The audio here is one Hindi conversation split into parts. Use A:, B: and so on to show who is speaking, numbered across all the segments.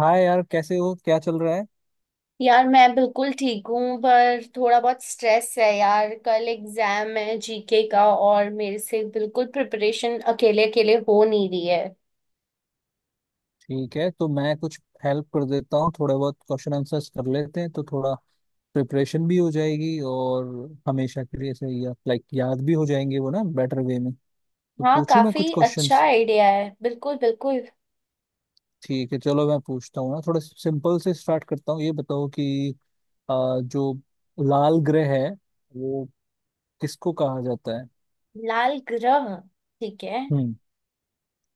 A: हाय यार, कैसे हो? क्या चल रहा है?
B: यार मैं बिल्कुल ठीक हूँ, पर थोड़ा बहुत स्ट्रेस है। यार, कल एग्जाम है जीके का, और मेरे से बिल्कुल प्रिपरेशन अकेले अकेले हो नहीं रही है।
A: ठीक है तो मैं कुछ हेल्प कर देता हूँ। थोड़े बहुत क्वेश्चन आंसर्स कर लेते हैं तो थोड़ा प्रिपरेशन भी हो जाएगी, और हमेशा के लिए सही या लाइक याद भी हो जाएंगे वो ना बेटर वे में। तो
B: हाँ,
A: पूछूं मैं कुछ
B: काफी अच्छा
A: क्वेश्चंस?
B: आइडिया है, बिल्कुल बिल्कुल।
A: ठीक है, चलो मैं पूछता हूँ ना। थोड़ा सिंपल से स्टार्ट करता हूँ। ये बताओ कि जो लाल ग्रह है वो किसको कहा जाता है?
B: लाल ग्रह। ठीक है।
A: हम्म।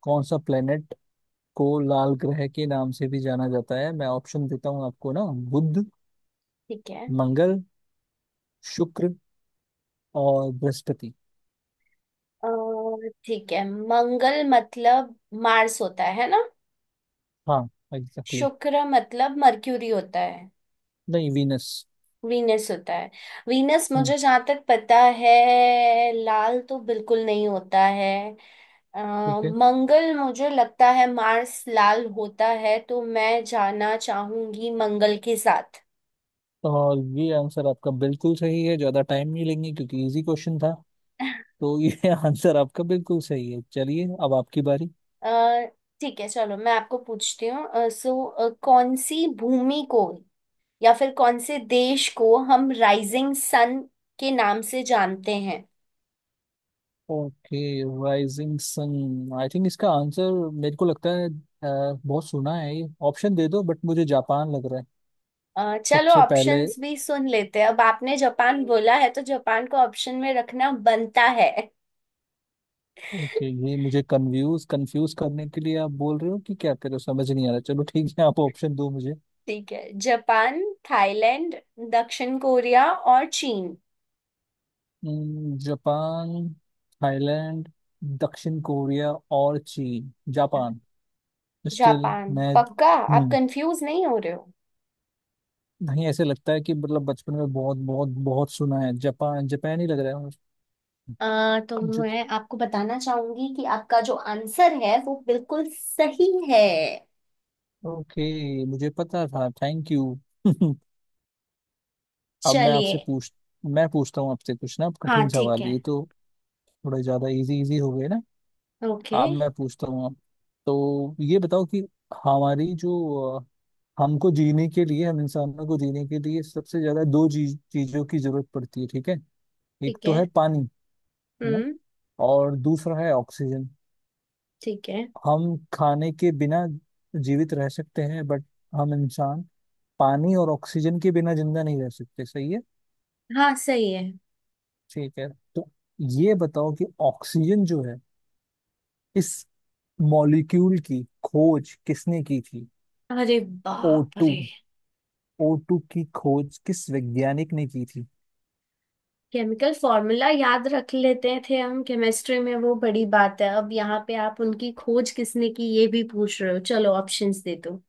A: कौन सा प्लेनेट को लाल ग्रह के नाम से भी जाना जाता है? मैं ऑप्शन देता हूँ आपको ना। बुध,
B: ठीक है।
A: मंगल, शुक्र और बृहस्पति।
B: और ठीक है, मंगल मतलब मार्स होता है ना?
A: हाँ, एग्जैक्टली exactly।
B: शुक्र मतलब मर्क्यूरी होता है?
A: नहीं, वीनस।
B: वीनस होता है? वीनस
A: हम्म।
B: मुझे जहाँ तक पता है, लाल तो बिल्कुल नहीं होता है। अ,
A: ठीक है,
B: मंगल, मुझे लगता है मार्स लाल होता है, तो मैं जाना चाहूंगी मंगल के साथ।
A: और ये आंसर आपका बिल्कुल सही है। ज्यादा टाइम नहीं लेंगे क्योंकि इजी क्वेश्चन था। तो ये आंसर आपका बिल्कुल सही है। चलिए, अब आपकी बारी।
B: अ, ठीक है, चलो मैं आपको पूछती हूँ। सो कौन सी भूमि को, या फिर कौन से देश को हम राइजिंग सन के नाम से जानते हैं?
A: Okay. Rising sun, I think इसका आंसर मेरे को लगता है बहुत सुना है। ये ऑप्शन दे दो बट मुझे जापान लग रहा है।
B: चलो,
A: सबसे पहले
B: ऑप्शंस भी सुन लेते हैं। अब आपने जापान बोला है तो जापान को ऑप्शन में रखना बनता है।
A: ओके, ये मुझे कंफ्यूज कंफ्यूज करने के लिए आप बोल रहे हो कि क्या कर रहे हो? समझ नहीं आ रहा। चलो ठीक है, आप ऑप्शन दो मुझे।
B: ठीक है, जापान, थाईलैंड, दक्षिण कोरिया और चीन।
A: जापान, थाईलैंड, दक्षिण कोरिया और चीन। जापान, स्टिल
B: जापान
A: मैं
B: पक्का? आप
A: हम्म।
B: कंफ्यूज नहीं हो रहे हो?
A: नहीं, ऐसे लगता है कि मतलब बचपन में बहुत बहुत बहुत सुना है, जापान जापान ही लग रहा है।
B: अ, तो
A: मुझे ज-
B: मैं आपको बताना चाहूंगी कि आपका जो आंसर है वो बिल्कुल सही है।
A: ओके, मुझे पता था, थैंक यू। अब मैं
B: चलिए।
A: आपसे पूछ, मैं पूछता हूँ आपसे कुछ ना
B: हाँ,
A: कठिन
B: ठीक
A: सवाल।
B: है।
A: ये तो थोड़े ज्यादा इजी इजी हो गए ना।
B: ओके।
A: अब मैं पूछता हूँ आप। तो ये बताओ कि हमारी जो हमको जीने के लिए, हम इंसानों को जीने के लिए सबसे ज्यादा दो चीज चीजों की जरूरत पड़ती है, ठीक है? एक
B: ठीक
A: तो
B: है।
A: है पानी, है ना?
B: हम्म।
A: और दूसरा है ऑक्सीजन।
B: ठीक है।
A: हम खाने के बिना जीवित रह सकते हैं बट हम इंसान पानी और ऑक्सीजन के बिना जिंदा नहीं रह सकते, सही है?
B: हाँ, सही है।
A: ठीक है। तो ये बताओ कि ऑक्सीजन जो है, इस मॉलिक्यूल की खोज किसने की थी?
B: अरे
A: ओ
B: बाप
A: टू।
B: रे!
A: O2 की खोज किस वैज्ञानिक ने की थी?
B: केमिकल फॉर्मूला याद रख लेते थे हम केमिस्ट्री में, वो बड़ी बात है, अब यहाँ पे आप उनकी खोज किसने की ये भी पूछ रहे हो। चलो ऑप्शंस दे दो।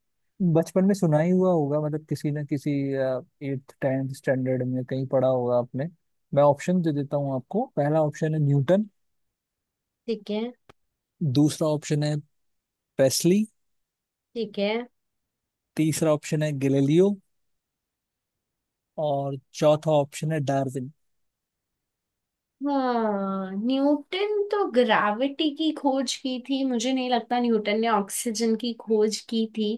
A: बचपन में सुना ही हुआ होगा, मतलब किसी न किसी एट्थ टेंथ स्टैंडर्ड में कहीं पढ़ा होगा आपने। मैं ऑप्शन दे देता हूँ आपको। पहला ऑप्शन है न्यूटन।
B: ठीक है।
A: दूसरा ऑप्शन है प्रेस्ली।
B: ठीक है।
A: तीसरा ऑप्शन है गैलीलियो, और चौथा ऑप्शन है डार्विन।
B: हाँ, न्यूटन तो ग्रेविटी की खोज की थी, मुझे नहीं लगता न्यूटन ने ऑक्सीजन की खोज की थी।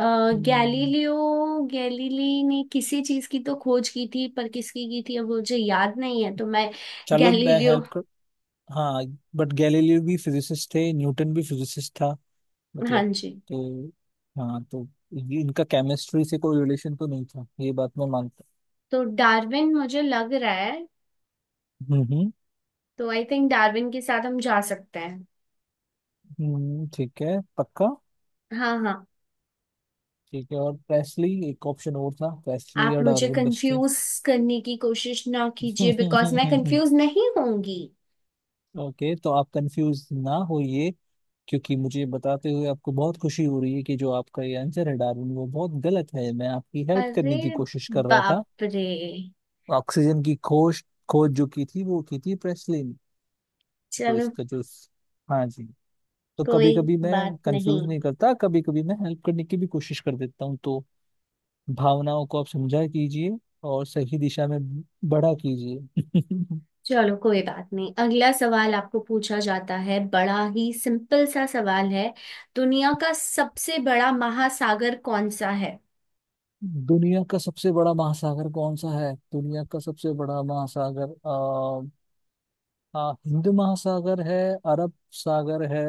B: अ,
A: हम्म,
B: गैलीलियो गैलीली ने किसी चीज की तो खोज की थी, पर किसकी की थी अब मुझे याद नहीं है, तो मैं...
A: चलो मैं
B: गैलीलियो।
A: हेल्प कर, हाँ बट गैलीलियो भी फिजिसिस्ट थे, न्यूटन भी फिजिसिस्ट था।
B: हाँ
A: मतलब,
B: जी।
A: तो हाँ तो इनका केमिस्ट्री से कोई रिलेशन तो नहीं था, ये बात मैं मानता
B: तो डार्विन मुझे लग रहा है।
A: हूँ। हम्म,
B: तो आई थिंक डार्विन के साथ हम जा सकते हैं।
A: ठीक है, पक्का।
B: हाँ हाँ।
A: ठीक है, और प्रेस्ली एक ऑप्शन और था, प्रेस्ली
B: आप
A: और
B: मुझे
A: डार्विन बचते।
B: कंफ्यूज करने की कोशिश ना कीजिए, बिकॉज मैं कंफ्यूज नहीं होंगी।
A: ओके, तो आप कंफ्यूज ना होइए, क्योंकि मुझे बताते हुए आपको बहुत खुशी हो रही है कि जो आपका ये आंसर है डार्विन, वो बहुत गलत है। मैं आपकी हेल्प
B: अरे
A: करने की कोशिश कर रहा था।
B: बाप रे!
A: ऑक्सीजन की खोज खोज जो की थी वो की थी प्रेस्ली ने। तो
B: चलो
A: इसका जो, हाँ जी, तो
B: कोई
A: कभी कभी
B: बात
A: मैं कंफ्यूज
B: नहीं।
A: नहीं करता, कभी कभी मैं हेल्प करने की भी कोशिश कर देता हूँ। तो भावनाओं को आप समझा कीजिए, और सही दिशा में बड़ा कीजिए।
B: चलो कोई बात नहीं, अगला सवाल आपको पूछा जाता है, बड़ा ही सिंपल सा सवाल है। दुनिया का सबसे बड़ा महासागर कौन सा है?
A: दुनिया का सबसे बड़ा महासागर कौन सा है? दुनिया का सबसे बड़ा महासागर हिंद महासागर है, अरब सागर है।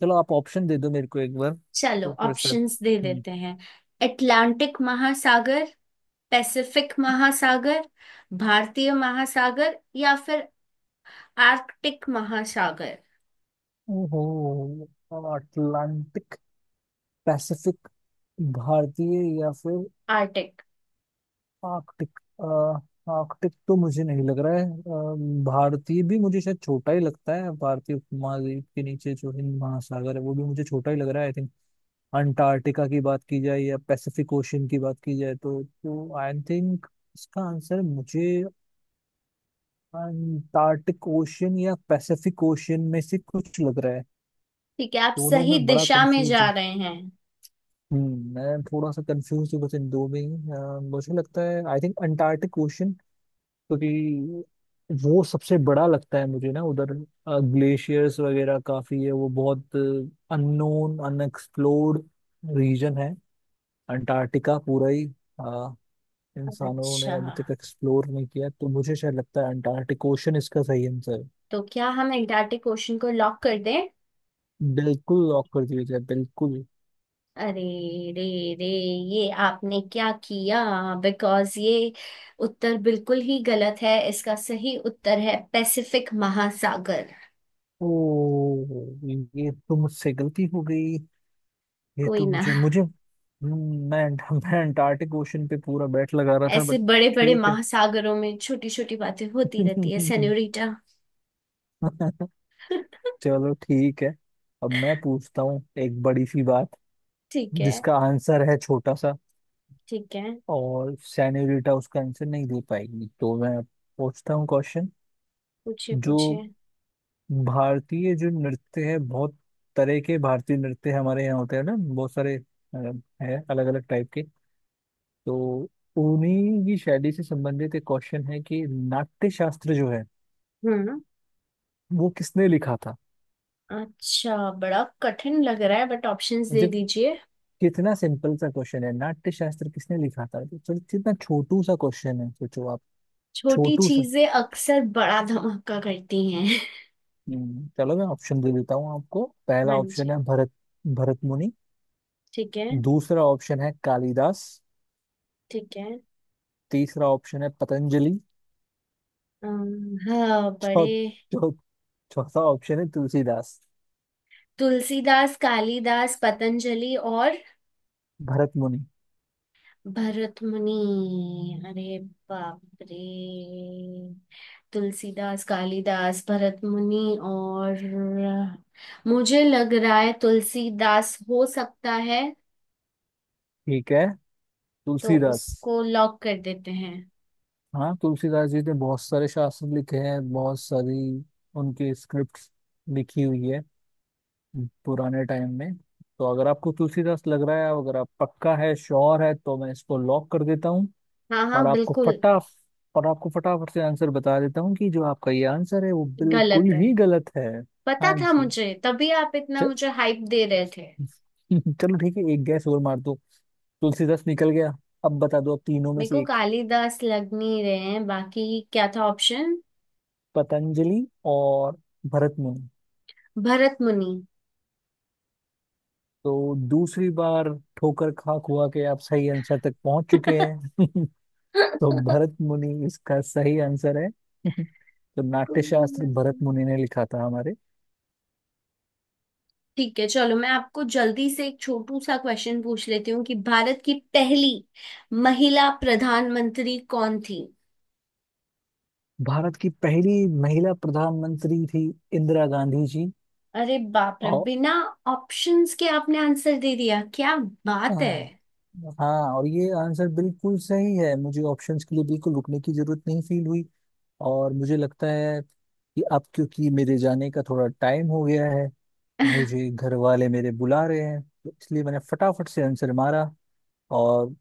A: चलो आप ऑप्शन दे दो मेरे को एक बार,
B: चलो
A: तो फिर शायद।
B: ऑप्शंस दे
A: हम्म,
B: देते हैं। अटलांटिक महासागर, पैसिफिक महासागर, भारतीय महासागर, या फिर आर्कटिक महासागर।
A: ओहो। अटलांटिक, पैसिफिक, भारतीय या फिर
B: आर्टिक।
A: आर्कटिक। आर्कटिक तो मुझे नहीं लग रहा है। भारतीय भी मुझे शायद छोटा ही लगता है। भारतीय उपमहाद्वीप के नीचे जो हिंद महासागर है वो भी मुझे छोटा ही लग रहा है। आई थिंक अंटार्कटिका की बात की जाए या पैसिफिक ओशन की बात की जाए, तो आई थिंक इसका आंसर मुझे अंटार्कटिक ओशन या पैसिफिक ओशन में से कुछ लग रहा है।
B: ठीक है, आप
A: दोनों
B: सही
A: में बड़ा
B: दिशा में
A: कंफ्यूज
B: जा
A: हूँ।
B: रहे हैं।
A: हम्म, मैं थोड़ा सा कंफ्यूज हूँ बस इन दो में ही। मुझे लगता है आई थिंक अंटार्कटिक ओशन, क्योंकि वो सबसे बड़ा लगता है मुझे ना। उधर ग्लेशियर्स वगैरह काफी है। वो बहुत अननोन, अनएक्सप्लोर्ड रीजन है। अंटार्कटिका पूरा ही अ, इंसानों ने
B: अच्छा,
A: अभी तक एक्सप्लोर नहीं किया, तो मुझे शायद लगता है अंटार्कटिक ओशन इसका सही आंसर है।
B: तो क्या हम एंटार्क्टिक ओशन को लॉक कर दें?
A: बिल्कुल लॉक कर दिया जाए, बिल्कुल।
B: अरे रे रे, ये आपने क्या किया! बिकॉज ये उत्तर बिल्कुल ही गलत है, इसका सही उत्तर है पैसिफिक महासागर।
A: ओ, ये तो मुझसे गलती हो गई। ये
B: कोई
A: तो
B: ना,
A: मुझे मुझे मैं अंटार्कटिक ओशन पे पूरा बैट लगा रहा था
B: ऐसे
A: बट,
B: बड़े बड़े
A: ठीक
B: महासागरों में छोटी छोटी बातें होती रहती है,
A: है।
B: सेन्योरिटा।
A: चलो ठीक है। अब मैं पूछता हूँ एक बड़ी सी बात,
B: ठीक है।
A: जिसका आंसर है छोटा सा,
B: ठीक है।
A: और सेनोरिटा उसका आंसर नहीं दे पाएगी। तो मैं पूछता हूँ क्वेश्चन।
B: पूछिए
A: जो
B: पूछिए।
A: भारतीय, जो नृत्य है, बहुत तरह के भारतीय नृत्य हमारे यहाँ होते हैं ना बहुत सारे, है अलग अलग टाइप के। तो उन्हीं की शैली से संबंधित एक क्वेश्चन है कि नाट्य शास्त्र जो है,
B: हम्म।
A: वो किसने लिखा था?
B: अच्छा, बड़ा कठिन लग रहा है, बट ऑप्शंस दे दीजिए।
A: कितना सिंपल सा क्वेश्चन है, नाट्य शास्त्र किसने लिखा था? तो चलो, कितना छोटू सा क्वेश्चन है, सोचो आप।
B: छोटी
A: छोटू सा।
B: चीजें अक्सर बड़ा धमाका करती हैं।
A: चलो मैं ऑप्शन दे देता हूँ आपको।
B: हाँ
A: पहला ऑप्शन
B: जी।
A: है भरत, भरत मुनि।
B: ठीक है।
A: दूसरा ऑप्शन है कालिदास।
B: ठीक है।
A: तीसरा ऑप्शन है पतंजलि।
B: हाँ, बड़े...
A: चौ चौ चौथा ऑप्शन है तुलसीदास।
B: तुलसीदास, कालिदास, पतंजलि और
A: भरत मुनि।
B: भरतमुनि। अरे बाप रे! तुलसीदास, कालिदास, भरतमुनि और... मुझे लग रहा है तुलसीदास हो सकता है।
A: ठीक है,
B: तो
A: तुलसीदास।
B: उसको लॉक कर देते हैं।
A: हाँ, तुलसीदास जी ने बहुत सारे शास्त्र लिखे हैं, बहुत सारी उनकी स्क्रिप्ट लिखी हुई है पुराने टाइम में। तो अगर आपको तुलसीदास लग रहा है, अगर आप पक्का है, श्योर है, तो मैं इसको लॉक कर देता हूँ।
B: हाँ
A: और
B: हाँ,
A: आपको
B: बिल्कुल।
A: फटा और आपको फटाफट से आंसर बता देता हूँ कि जो आपका ये आंसर है वो
B: गलत
A: बिल्कुल
B: है?
A: ही गलत है।
B: पता
A: हाँ
B: था
A: जी।
B: मुझे, तभी आप इतना
A: च-
B: मुझे हाइप दे रहे थे।
A: चलो ठीक है, एक गैस और मार दो। तुलसीदास निकल गया, अब बता दो, अब तीनों में
B: मेरे को
A: से एक।
B: कालिदास लग नहीं रहे हैं, बाकी क्या था ऑप्शन?
A: पतंजलि और भरत मुनि।
B: भरत मुनि।
A: तो दूसरी बार ठोकर खा खुआ के आप सही आंसर तक पहुंच चुके हैं। तो भरत मुनि इसका सही आंसर है। तो
B: कोई
A: नाट्यशास्त्र
B: बात
A: भरत
B: नहीं।
A: मुनि ने लिखा था हमारे।
B: ठीक है, चलो मैं आपको जल्दी से एक छोटू सा क्वेश्चन पूछ लेती हूँ कि भारत की पहली महिला प्रधानमंत्री कौन थी?
A: भारत की पहली महिला प्रधानमंत्री थी इंदिरा गांधी जी।
B: अरे बाप रे!
A: और
B: बिना ऑप्शंस के आपने आंसर दे दिया, क्या बात है!
A: हाँ, और ये आंसर बिल्कुल सही है। मुझे ऑप्शंस के लिए बिल्कुल रुकने की जरूरत नहीं फील हुई। और मुझे लगता है कि अब क्योंकि मेरे जाने का थोड़ा टाइम हो गया है, मुझे घर वाले मेरे बुला रहे हैं, तो इसलिए मैंने फटाफट से आंसर मारा। और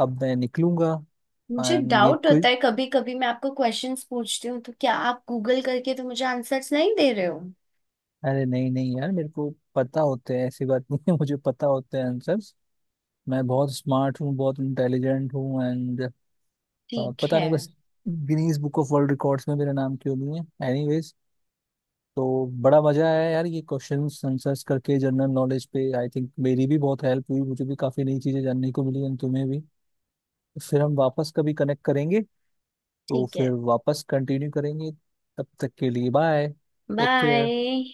A: अब मैं निकलूंगा।
B: मुझे
A: एंड ये,
B: डाउट होता है कभी कभी, मैं आपको क्वेश्चंस पूछती हूँ तो क्या आप गूगल करके तो मुझे आंसर्स नहीं दे रहे हो?
A: अरे नहीं नहीं यार, मेरे को पता होते हैं, ऐसी बात नहीं है। मुझे पता होते हैं आंसर्स। मैं बहुत स्मार्ट हूँ, बहुत इंटेलिजेंट हूँ। एंड
B: ठीक
A: पता
B: है।
A: नहीं बस Guinness book of world records में मेरा नाम क्यों नहीं है। एनीवेज, तो बड़ा मजा आया यार, ये क्वेश्चंस आंसर्स करके जनरल नॉलेज पे। आई थिंक मेरी भी बहुत हेल्प हुई, मुझे भी काफी नई चीजें जानने को मिली, एंड तुम्हें भी। फिर हम वापस कभी कनेक्ट करेंगे, तो
B: ठीक
A: फिर
B: है।
A: वापस कंटिन्यू करेंगे। तब तक के लिए बाय। Take care.
B: बाय।